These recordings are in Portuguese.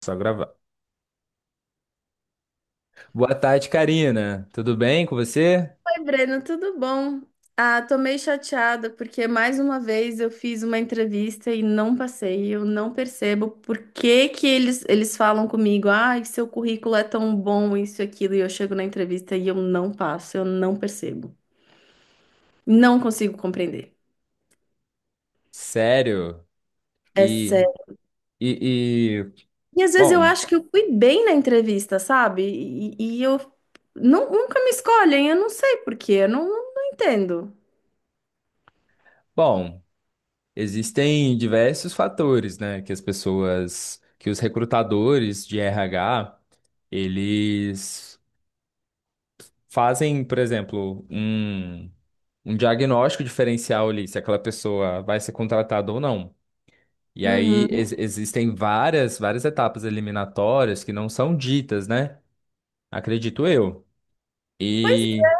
Só gravar. Boa tarde, Karina. Tudo bem com você? Oi, Breno, tudo bom? Ah, tô meio chateada porque mais uma vez eu fiz uma entrevista e não passei. Eu não percebo por que que eles falam comigo, ai, seu currículo é tão bom, isso e aquilo, e eu chego na entrevista e eu não passo, eu não percebo. Não consigo compreender. Sério? É E, sério. e, e- E às vezes eu bom, acho que eu fui bem na entrevista, sabe? E eu nunca me escolhem, eu não sei por quê, eu não, não entendo. bom, existem diversos fatores, né, que as pessoas, que os recrutadores de RH, eles fazem, por exemplo, um diagnóstico diferencial ali, se aquela pessoa vai ser contratada ou não. E Uhum. aí existem várias etapas eliminatórias que não são ditas, né? Acredito eu. Pois E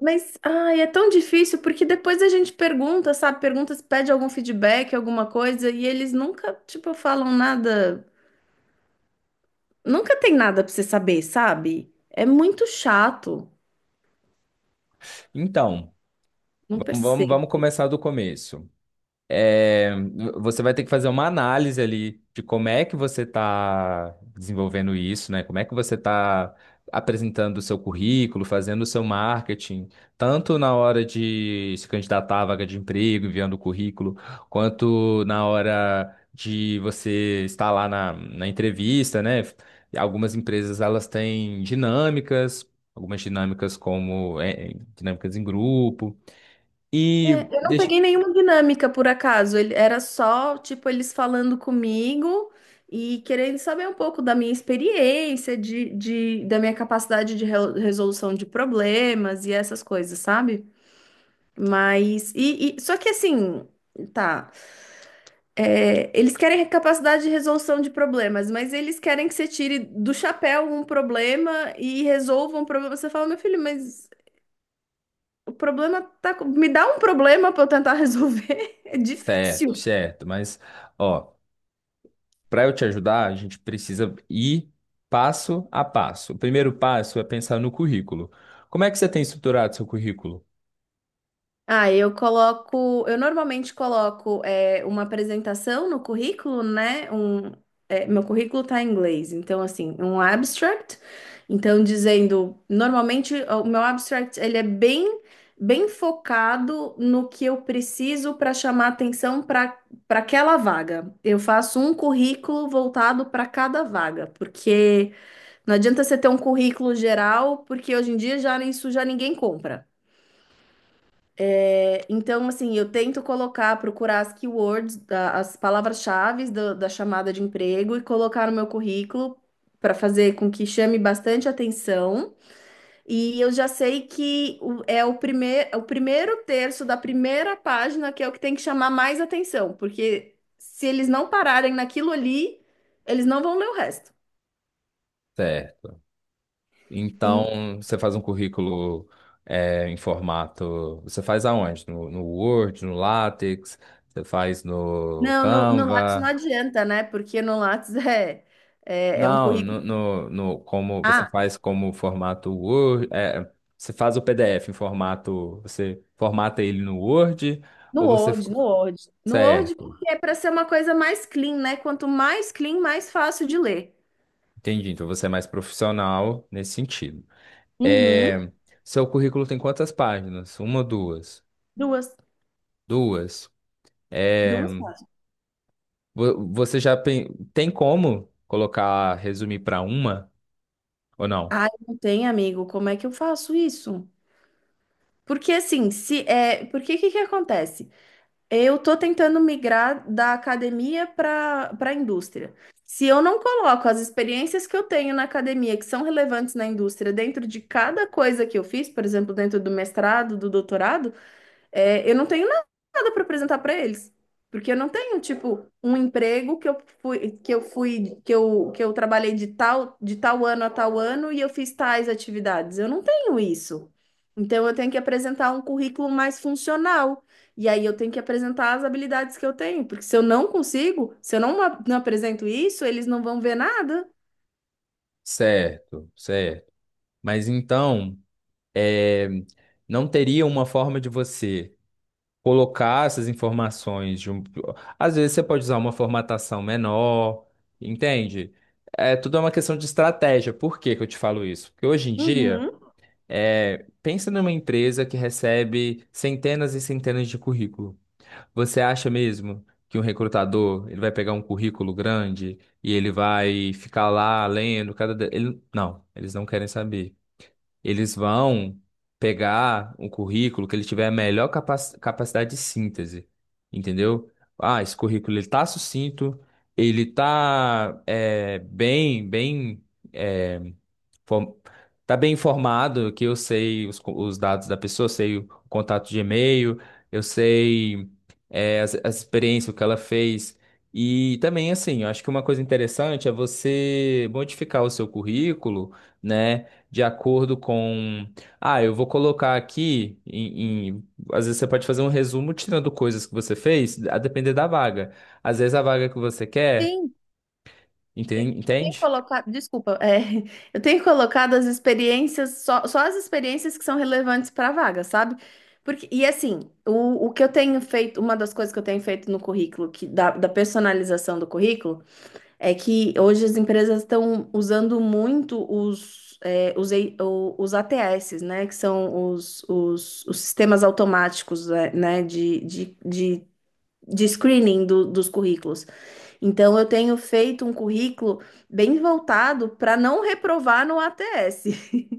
Mas, ai, é tão difícil porque depois a gente pergunta, sabe? Pergunta se pede algum feedback, alguma coisa, e eles nunca, tipo, falam nada. Nunca tem nada pra você saber, sabe? É muito chato. Então, Não vamos percebo. começar do começo. É, Você vai ter que fazer uma análise ali de como é que você está desenvolvendo isso, né? Como é que você está apresentando o seu currículo, fazendo o seu marketing, tanto na hora de se candidatar à vaga de emprego, enviando o currículo, quanto na hora de você estar lá na entrevista, né? Algumas empresas elas têm dinâmicas, algumas dinâmicas como é, dinâmicas em grupo. É, E eu não deixa. peguei nenhuma dinâmica por acaso. Ele, era só, tipo, eles falando comigo e querendo saber um pouco da minha experiência, da minha capacidade de resolução de problemas e essas coisas, sabe? Mas. Só que assim. Tá. É, eles querem a capacidade de resolução de problemas, mas eles querem que você tire do chapéu um problema e resolva um problema. Você fala, meu filho, mas o problema tá. com- Me dá um problema para eu tentar resolver. É Certo, difícil. certo. Mas, ó, para eu te ajudar, a gente precisa ir passo a passo. O primeiro passo é pensar no currículo. Como é que você tem estruturado seu currículo? Ah, eu normalmente coloco é, uma apresentação no currículo, né? Um, é, meu currículo tá em inglês, então assim, um abstract, então dizendo, normalmente o meu abstract ele é bem, bem focado no que eu preciso para chamar atenção para aquela vaga. Eu faço um currículo voltado para cada vaga, porque não adianta você ter um currículo geral, porque hoje em dia já isso já ninguém compra. É, então, assim, eu tento colocar, procurar as keywords, as palavras-chave da chamada de emprego e colocar no meu currículo para fazer com que chame bastante atenção. E eu já sei que o primeiro terço da primeira página que é o que tem que chamar mais atenção, porque se eles não pararem naquilo ali, eles não vão ler o resto. Certo. E- Então, você faz um currículo é, em formato. Você faz aonde? No Word, no LaTeX? Você faz no não, no Lattes não Canva? adianta, né? Porque no Lattes é um Não, no, currículo. no, no- como você Ah, faz como formato Word, é, você faz o PDF em formato, você formata ele no Word, No ou você, Word, no Word. No Word, certo, porque é para ser uma coisa mais clean, né? Quanto mais clean, mais fácil de ler. entendi, então você é mais profissional nesse sentido. Uhum. É, seu currículo tem quantas páginas? Uma, duas? Duas, Duas. É, duas páginas. vo- você já pen- tem como colocar, resumir para uma ou não? Ai, não tem, amigo. Como é que eu faço isso? Porque assim, se é, porque que acontece? Eu tô tentando migrar da academia para a indústria. Se eu não coloco as experiências que eu tenho na academia, que são relevantes na indústria, dentro de cada coisa que eu fiz, por exemplo, dentro do mestrado, do doutorado, é, eu não tenho nada para apresentar para eles, porque eu não tenho, tipo, um emprego que eu fui, que eu trabalhei de tal ano a tal ano e eu fiz tais atividades. Eu não tenho isso. Então eu tenho que apresentar um currículo mais funcional. E aí eu tenho que apresentar as habilidades que eu tenho, porque se eu não, não apresento isso, eles não vão ver nada. Certo, certo. Mas então, é, não teria uma forma de você colocar essas informações de um... Às vezes você pode usar uma formatação menor, entende? É tudo é uma questão de estratégia. Por que que eu te falo isso? Porque hoje em dia, Uhum. é, pensa numa empresa que recebe centenas e centenas de currículo. Você acha mesmo que um recrutador, ele vai pegar um currículo grande e ele vai ficar lá lendo cada... Ele... Não, eles não querem saber. Eles vão pegar o currículo que ele tiver a melhor capacidade de síntese, entendeu? Ah, esse currículo ele tá sucinto, ele tá é, bem, bem eh, Form- Tá bem informado que eu sei os dados da pessoa, eu sei o contato de e-mail, eu sei é, as experiências, o que ela fez. E também, assim, eu acho que uma coisa interessante é você modificar o seu currículo, né, de acordo com. Ah, eu vou colocar aqui. Às vezes você pode fazer um resumo tirando coisas que você fez, a depender da vaga. Às vezes a vaga que você quer, Sim, eu entende? tenho colocado, desculpa, é, eu tenho colocado as experiências, só as experiências que são relevantes para a vaga, sabe? Porque, e assim, o que eu tenho feito, uma das coisas que eu tenho feito no currículo, da personalização do currículo, é que hoje as empresas estão usando muito os, é, os, E- o- os ATS, né? Que são os sistemas automáticos, é, né, de screening dos currículos. Então, eu tenho feito um currículo bem voltado para não reprovar no ATS.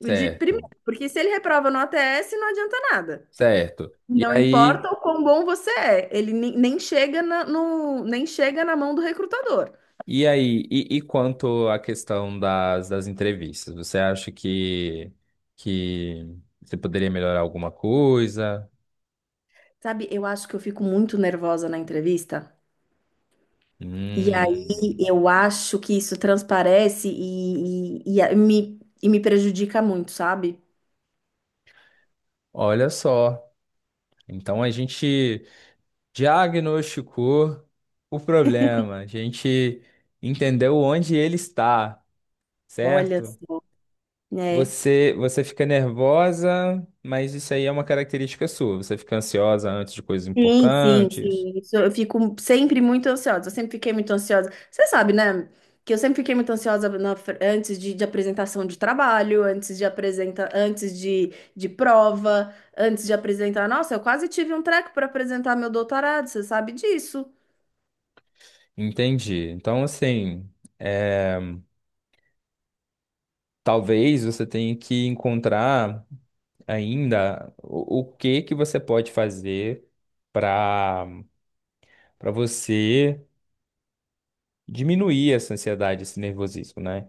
O De primeiro, Certo, porque se ele reprova no ATS, não adianta nada. certo. E Não aí. importa o quão bom você é, ele nem chega na, no, nem chega na mão do recrutador. E aí, e quanto à questão das entrevistas, você acha que você poderia melhorar alguma coisa? Sabe, eu acho que eu fico muito nervosa na entrevista. E aí Hum, eu acho que isso transparece e me prejudica muito, sabe? olha só. Então a gente diagnosticou o problema, a gente entendeu onde ele está, Olha, certo? só, né? Você fica nervosa, mas isso aí é uma característica sua. Você fica ansiosa antes de coisas Sim, sim, importantes. sim. Isso, eu fico sempre muito ansiosa. Eu sempre fiquei muito ansiosa. Você sabe, né? Que eu sempre fiquei muito ansiosa na antes de apresentação de trabalho, antes de prova, antes de apresentar. Nossa, eu quase tive um treco para apresentar meu doutorado, você sabe disso. Entendi. Então, assim. é, Talvez você tenha que encontrar ainda o que que você pode fazer para para você diminuir essa ansiedade, esse nervosismo, né?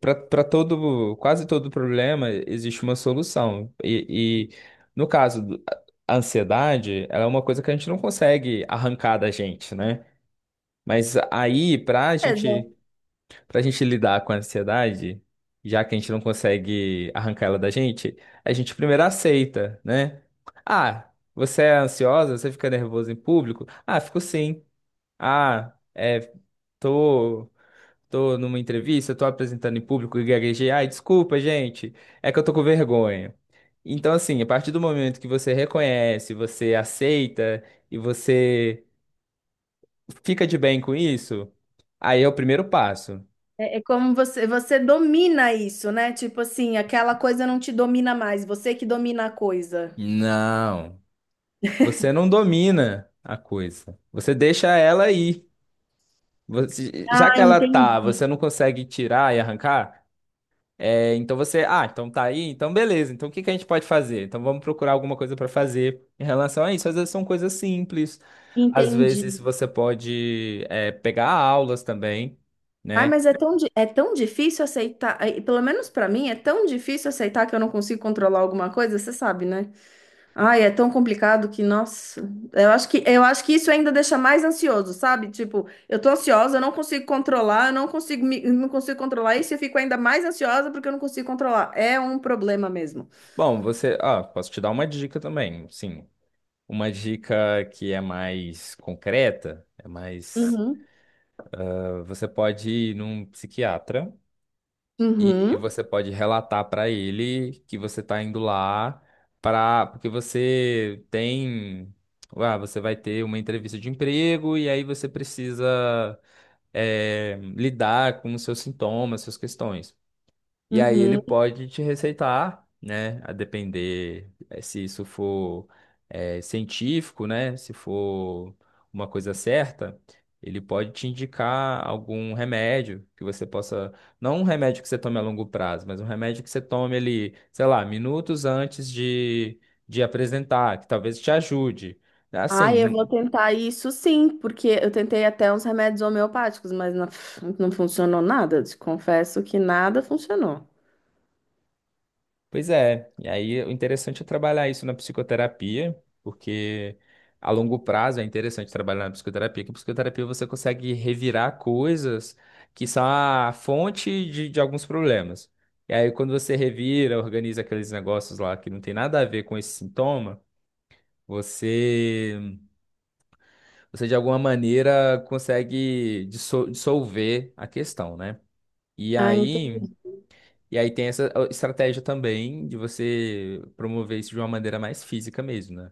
Para todo, quase todo problema existe uma solução. E no caso, a ansiedade, ela é uma coisa que a gente não consegue arrancar da gente, né? Mas aí, para a Beleza. gente Pra gente lidar com a ansiedade, já que a gente não consegue arrancar ela da gente, a gente primeiro aceita, né? Ah, você é ansiosa? Você fica nervoso em público? Ah, fico sim. Ah, é, tô, tô numa entrevista, tô apresentando em público e gaguejei. Ai, desculpa, gente, é que eu tô com vergonha. Então, assim, a partir do momento que você reconhece, você aceita e você fica de bem com isso, aí é o primeiro passo. É como você domina isso, né? Tipo assim, aquela coisa não te domina mais, você que domina a coisa. Não. Você não domina a coisa. Você deixa ela aí. Já Ah, que ela tá, entendi. você não consegue tirar e arrancar, é, então você, ah, então tá aí, então beleza. Então o que que a gente pode fazer? Então vamos procurar alguma coisa para fazer em relação a isso. Às vezes são coisas simples. Às vezes Entendi. você pode, é, pegar aulas também, Ai, né? É tão difícil aceitar, e pelo menos pra mim, é tão difícil aceitar que eu não consigo controlar alguma coisa, você sabe, né? Ai, é tão complicado que, nossa, eu acho que isso ainda deixa mais ansioso, sabe? Tipo, eu tô ansiosa, eu não consigo controlar, eu não consigo controlar isso, e eu fico ainda mais ansiosa porque eu não consigo controlar. É um problema mesmo. Bom, você, ah, posso te dar uma dica também, sim. Uma dica que é mais concreta, é mais, Uhum, ah, você pode ir num psiquiatra. E uhum, você pode relatar para ele que você está indo lá para porque você tem, ah, você vai ter uma entrevista de emprego e aí você precisa eh, lidar com os seus sintomas, suas questões. E aí ele uhum. pode te receitar, né? A depender eh, se isso for eh, científico, né? Se for uma coisa certa, ele pode te indicar algum remédio que você possa. Não um remédio que você tome a longo prazo, mas um remédio que você tome ali, sei lá, minutos antes de apresentar, que talvez te ajude. Ai, eu vou Assim. tentar isso sim, porque eu tentei até uns remédios homeopáticos, mas não, não funcionou nada. Te confesso que nada funcionou. Pois é, e aí o interessante é trabalhar isso na psicoterapia, porque a longo prazo é interessante trabalhar na psicoterapia, que a psicoterapia você consegue revirar coisas que são a fonte de alguns problemas. E aí quando você revira, organiza aqueles negócios lá que não tem nada a ver com esse sintoma, você, você de alguma maneira consegue dissolver a questão, né? E Ah, entendi. aí. E aí tem essa estratégia também de você promover isso de uma maneira mais física mesmo, né?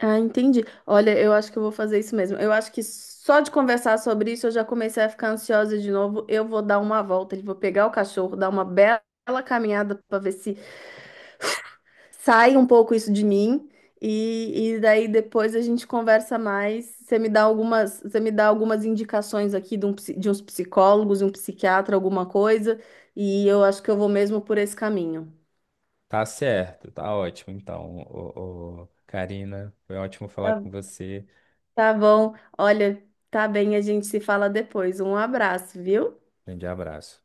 Ah, entendi. Olha, eu acho que eu vou fazer isso mesmo. Eu acho que só de conversar sobre isso eu já comecei a ficar ansiosa de novo. Eu vou dar uma volta, eu vou pegar o cachorro, dar uma bela caminhada para ver se sai um pouco isso de mim e daí depois a gente conversa mais. Você me dá algumas indicações aqui de, de uns psicólogos, um psiquiatra, alguma coisa, e eu acho que eu vou mesmo por esse caminho. Tá certo, tá ótimo. Então, ô, Karina, foi ótimo falar Tá, com você. tá bom. Olha, tá bem, a gente se fala depois. Um abraço, viu? Grande abraço.